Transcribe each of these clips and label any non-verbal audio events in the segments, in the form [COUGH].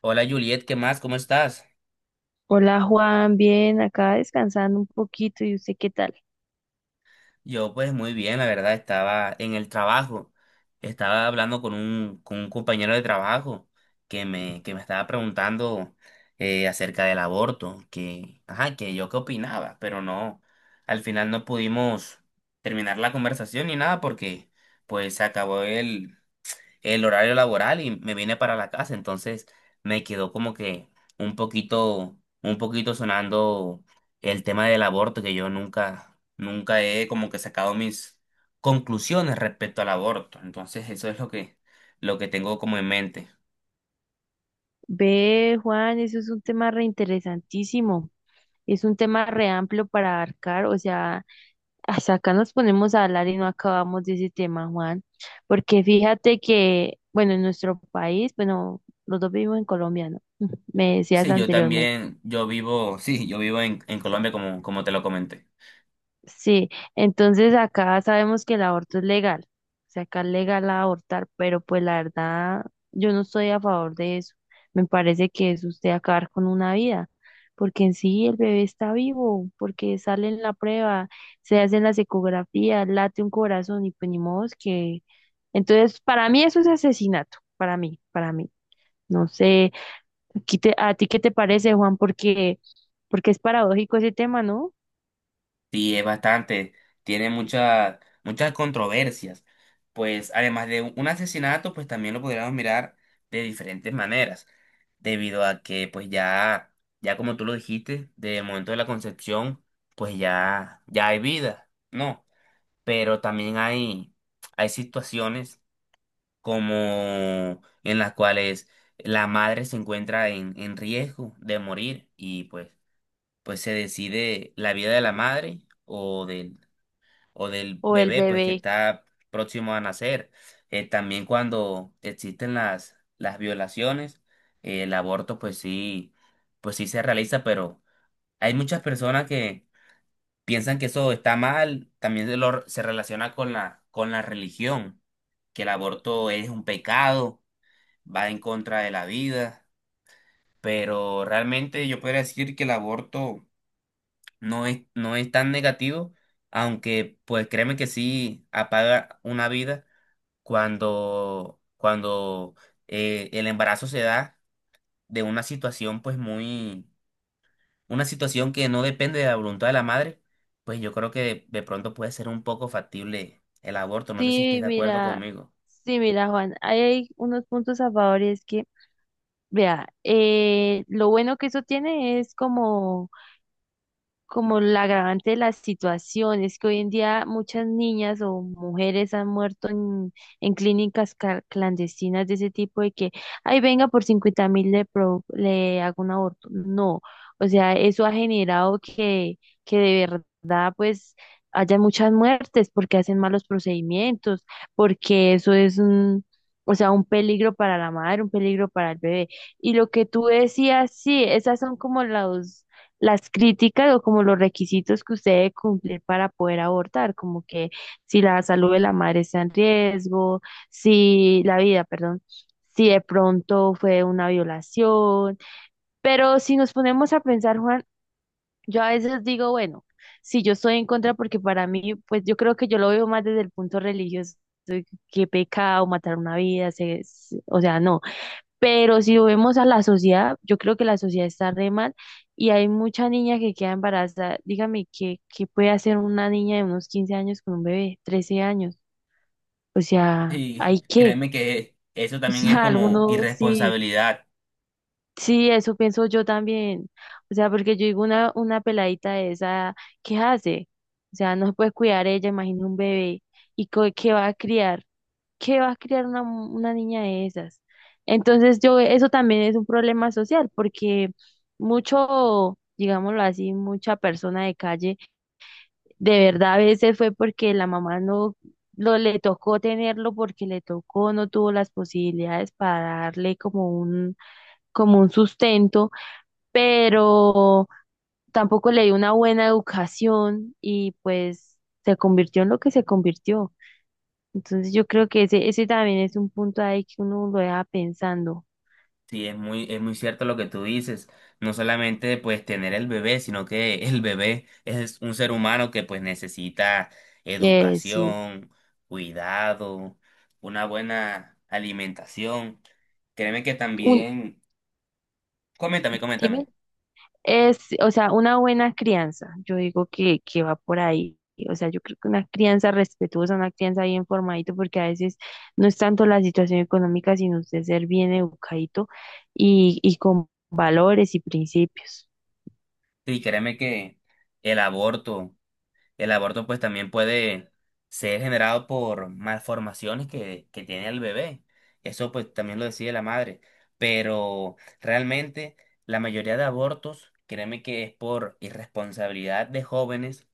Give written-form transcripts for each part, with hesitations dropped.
Hola Juliet, ¿qué más? ¿Cómo estás? Hola Juan, bien, acá descansando un poquito. ¿Y usted qué tal? Yo pues muy bien, la verdad, estaba en el trabajo. Estaba hablando con un compañero de trabajo que me estaba preguntando acerca del aborto, que, ajá, que yo qué opinaba, pero no, al final no pudimos terminar la conversación ni nada porque pues se acabó el horario laboral y me vine para la casa, entonces me quedó como que un poquito sonando el tema del aborto, que yo nunca he como que sacado mis conclusiones respecto al aborto. Entonces eso es lo lo que tengo como en mente. Ve, Juan, eso es un tema reinteresantísimo. Es un tema re amplio para abarcar, o sea, hasta acá nos ponemos a hablar y no acabamos de ese tema, Juan, porque fíjate que, bueno, en nuestro país, bueno, los dos vivimos en Colombia, ¿no? [LAUGHS] Me decías Sí, yo anteriormente. también, yo vivo, [LAUGHS] sí, yo vivo en Colombia como, como te lo comenté. Sí, entonces acá sabemos que el aborto es legal, o sea, acá es legal abortar, pero pues la verdad yo no estoy a favor de eso. Me parece que es usted acabar con una vida, porque en sí el bebé está vivo, porque sale en la prueba, se hacen las ecografías, late un corazón y pues ni modo es que... Entonces, para mí eso es asesinato, para mí, para mí. No sé, aquí ¿a ti qué te parece, Juan? Porque, porque es paradójico ese tema, ¿no? Sí, es bastante. Tiene muchas controversias. Pues además de un asesinato, pues también lo podríamos mirar de diferentes maneras, debido a que pues ya como tú lo dijiste, desde el momento de la concepción, pues ya hay vida, ¿no? Pero también hay situaciones como en las cuales la madre se encuentra en riesgo de morir y pues se decide la vida de la madre o del O el bebé pues que bebé. está próximo a nacer. También cuando existen las violaciones, el aborto pues sí se realiza, pero hay muchas personas que piensan que eso está mal, también se relaciona con con la religión, que el aborto es un pecado, va en contra de la vida, pero realmente yo podría decir que el aborto no es tan negativo, aunque pues créeme que sí apaga una vida cuando el embarazo se da de una situación una situación que no depende de la voluntad de la madre, pues yo creo que de pronto puede ser un poco factible el aborto. No sé si estés Sí, de acuerdo mira, conmigo. sí, mira, Juan, ahí hay unos puntos a favor y es que, vea, lo bueno que eso tiene es como como la agravante de la situación, es que hoy en día muchas niñas o mujeres han muerto en clínicas clandestinas de ese tipo de que, ay, venga, por 50.000 le, le hago un aborto. No, o sea, eso ha generado que de verdad, pues, haya muchas muertes porque hacen malos procedimientos, porque eso es un... O sea, un peligro para la madre, un peligro para el bebé. Y lo que tú decías, sí, esas son como las críticas o como los requisitos que usted debe cumplir para poder abortar, como que si la salud de la madre está en riesgo, si la vida, perdón, si de pronto fue una violación. Pero si nos ponemos a pensar, Juan, yo a veces digo, bueno, si yo estoy en contra, porque para mí, pues yo creo que yo lo veo más desde el punto religioso, que pecado matar una vida, o sea, no. Pero si lo vemos a la sociedad, yo creo que la sociedad está re mal y hay mucha niña que queda embarazada. Dígame, ¿qué, qué puede hacer una niña de unos 15 años con un bebé, 13 años? O sea, Sí, ¿hay qué? créeme que eso [LAUGHS] O también es sea, como alguno sí, irresponsabilidad. sí, eso pienso yo también. O sea, porque yo digo una peladita de esa, ¿qué hace? O sea, no se puede cuidar ella, imagina un bebé. ¿Y qué va a criar? ¿Qué va a criar una, una niña de esas? Entonces yo, eso también es un problema social, porque mucho, digámoslo así, mucha persona de calle, de verdad a veces fue porque la mamá no lo le tocó tenerlo porque le tocó, no tuvo las posibilidades para darle como un sustento, pero tampoco le dio una buena educación y pues se convirtió en lo que se convirtió. Entonces yo creo que ese también es un punto ahí que uno lo deja pensando. Sí, es es muy cierto lo que tú dices. No solamente pues tener el bebé, sino que el bebé es un ser humano que pues necesita Sí. educación, cuidado, una buena alimentación. Créeme que Un, también, dime, coméntame. es, o sea, una buena crianza, yo digo que va por ahí. O sea, yo creo que una crianza respetuosa, una crianza bien formadito, porque a veces no es tanto la situación económica, sino usted ser bien educadito y con valores y principios. Sí, créeme que el aborto el aborto pues también puede ser generado por malformaciones que tiene el bebé. Eso pues también lo decide la madre. Pero realmente la mayoría de abortos, créeme que es por irresponsabilidad de jóvenes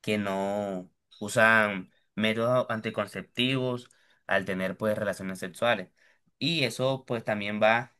que no usan métodos anticonceptivos al tener pues relaciones sexuales. Y eso pues también va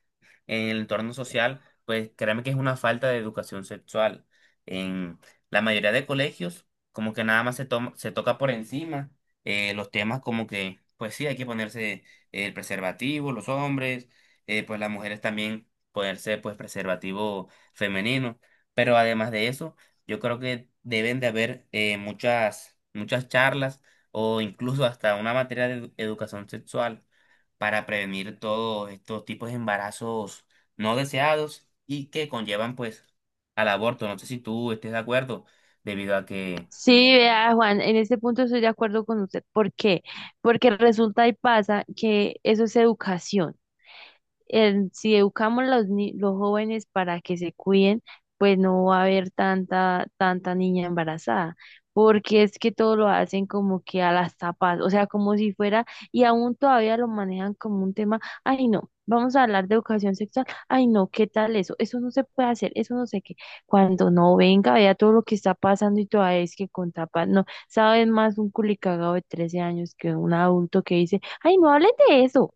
en el entorno social, pues créeme que es una falta de educación sexual. En la mayoría de colegios como que nada más se toca por encima los temas como que pues sí hay que ponerse el preservativo, los hombres, pues las mujeres también ponerse pues preservativo femenino. Pero además de eso, yo creo que deben de haber muchas charlas o incluso hasta una materia de educación sexual para prevenir todos estos tipos de embarazos no deseados y que conllevan pues al aborto. No sé si tú estés de acuerdo, debido a que Sí, vea, Juan, en este punto estoy de acuerdo con usted. ¿Por qué? Porque resulta y pasa que eso es educación. Si educamos a los, los jóvenes para que se cuiden, pues no va a haber tanta, tanta niña embarazada, porque es que todo lo hacen como que a las tapas, o sea, como si fuera, y aún todavía lo manejan como un tema, ay no, vamos a hablar de educación sexual, ay no, ¿qué tal eso? Eso no se puede hacer, eso no sé qué. Cuando no venga, vea todo lo que está pasando y todavía es que con tapas, no, sabes más un culicagado de 13 años que un adulto que dice, ay no hables de eso.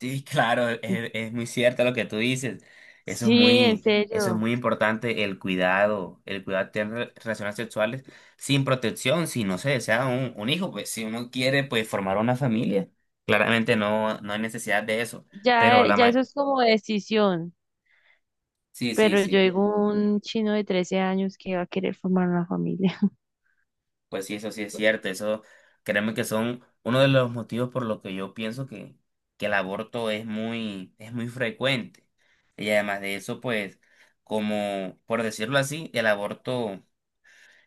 sí, claro, es muy cierto lo que tú dices. Eso es Sí, en eso es serio. muy importante, el cuidado de tener relaciones sexuales sin protección, si no se desea un hijo, pues si uno quiere pues formar una familia, claramente no hay necesidad de eso. Pero Ya, la ya eso ma- es como decisión. sí, sí, Pero yo sí. digo un chino de 13 años que va a querer formar una familia. [LAUGHS] Pues sí, eso sí es cierto. Eso, créeme que son uno de los motivos por los que yo pienso que el aborto es es muy frecuente. Y además de eso, pues, como por decirlo así, el aborto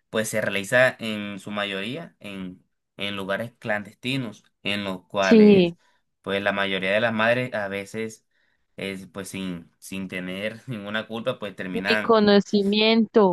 pues se realiza en su mayoría en lugares clandestinos, en los cuales Sí, pues la mayoría de las madres a veces es pues sin tener [LAUGHS] ninguna culpa, pues ni terminan. conocimiento.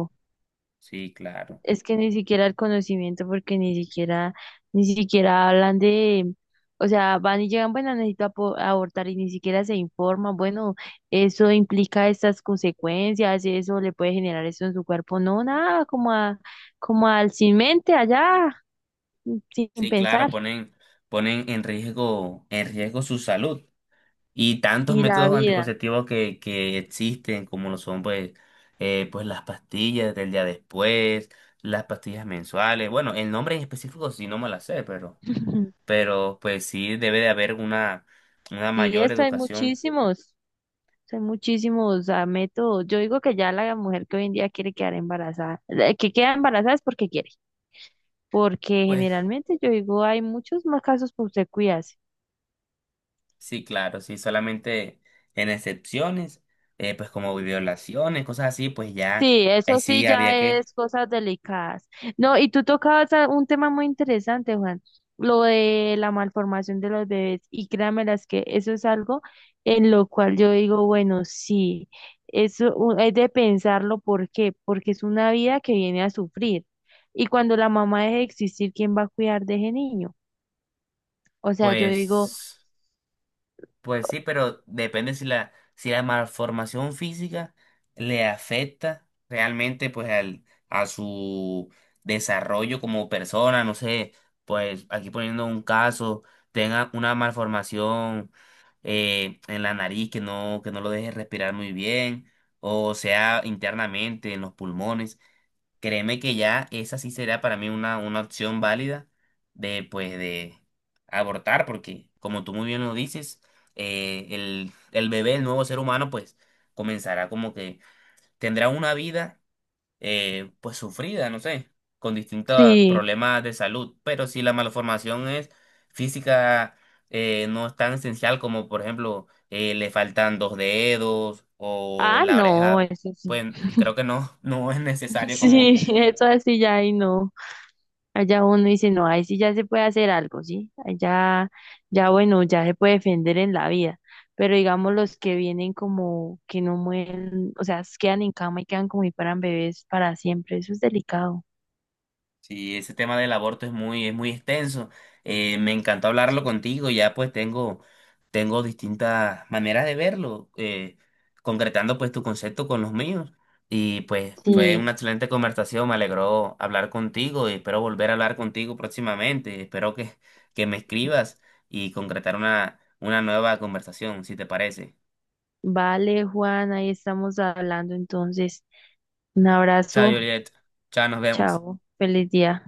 Sí, claro. Es que ni siquiera el conocimiento, porque ni siquiera, ni siquiera hablan de, o sea, van y llegan, bueno, necesito abortar y ni siquiera se informan, bueno, eso implica estas consecuencias, eso le puede generar eso en su cuerpo. No, nada, como a, como al sin mente allá, sin Sí, claro, pensar. Ponen en riesgo su salud. Y tantos Y la métodos vida. anticonceptivos que existen, como lo son pues, pues las pastillas del día después, las pastillas mensuales. Bueno, el nombre en específico sí no me la sé, [LAUGHS] pero pues sí debe de haber una Sí, mayor esto educación. Hay muchísimos métodos. Yo digo que ya la mujer que hoy en día quiere quedar embarazada, que queda embarazada es porque quiere, porque Pues generalmente yo digo hay muchos más casos por usted cuidarse. sí, claro, sí, solamente en excepciones, pues como violaciones, cosas así, pues ya, Sí, ahí eso sí sí ya había que, es cosas delicadas. No, y tú tocabas un tema muy interesante, Juan, lo de la malformación de los bebés. Y créanme las que eso es algo en lo cual yo digo, bueno, sí, eso es de pensarlo, ¿por qué? Porque es una vida que viene a sufrir. Y cuando la mamá deje de existir, ¿quién va a cuidar de ese niño? O sea, yo digo, pues. Pues sí, pero depende si si la malformación física le afecta realmente pues al, a su desarrollo como persona, no sé, pues aquí poniendo un caso, tenga una malformación en la nariz que no lo deje respirar muy bien, o sea internamente en los pulmones. Créeme que ya esa sí será para mí una opción válida de, pues, de abortar, porque como tú muy bien lo dices, el bebé, el nuevo ser humano, pues, comenzará como que tendrá una vida, pues, sufrida, no sé, con distintos sí, problemas de salud, pero si la malformación es física, no es tan esencial como, por ejemplo, le faltan dos dedos o ah, la no, oreja, eso sí. pues, creo que no, [LAUGHS] no es [LAUGHS] necesario como Sí, eso así ya y no. Allá uno dice, no, ahí sí ya se puede hacer algo, ¿sí? Allá, ya bueno, ya se puede defender en la vida. Pero digamos los que vienen como que no mueren, o sea, quedan en cama y quedan como si fueran bebés para siempre, eso es delicado. sí, ese tema del aborto es es muy extenso. Me encantó hablarlo Sí. contigo. Ya pues tengo distintas maneras de verlo, concretando pues tu concepto con los míos. Y pues fue Sí, una excelente conversación. Me alegró hablar contigo y espero volver a hablar contigo próximamente. Espero que me escribas y concretar una nueva conversación, si te parece. vale, Juan, ahí estamos hablando entonces. Un Chao, abrazo, Juliet. Chao, nos vemos. chao, feliz día.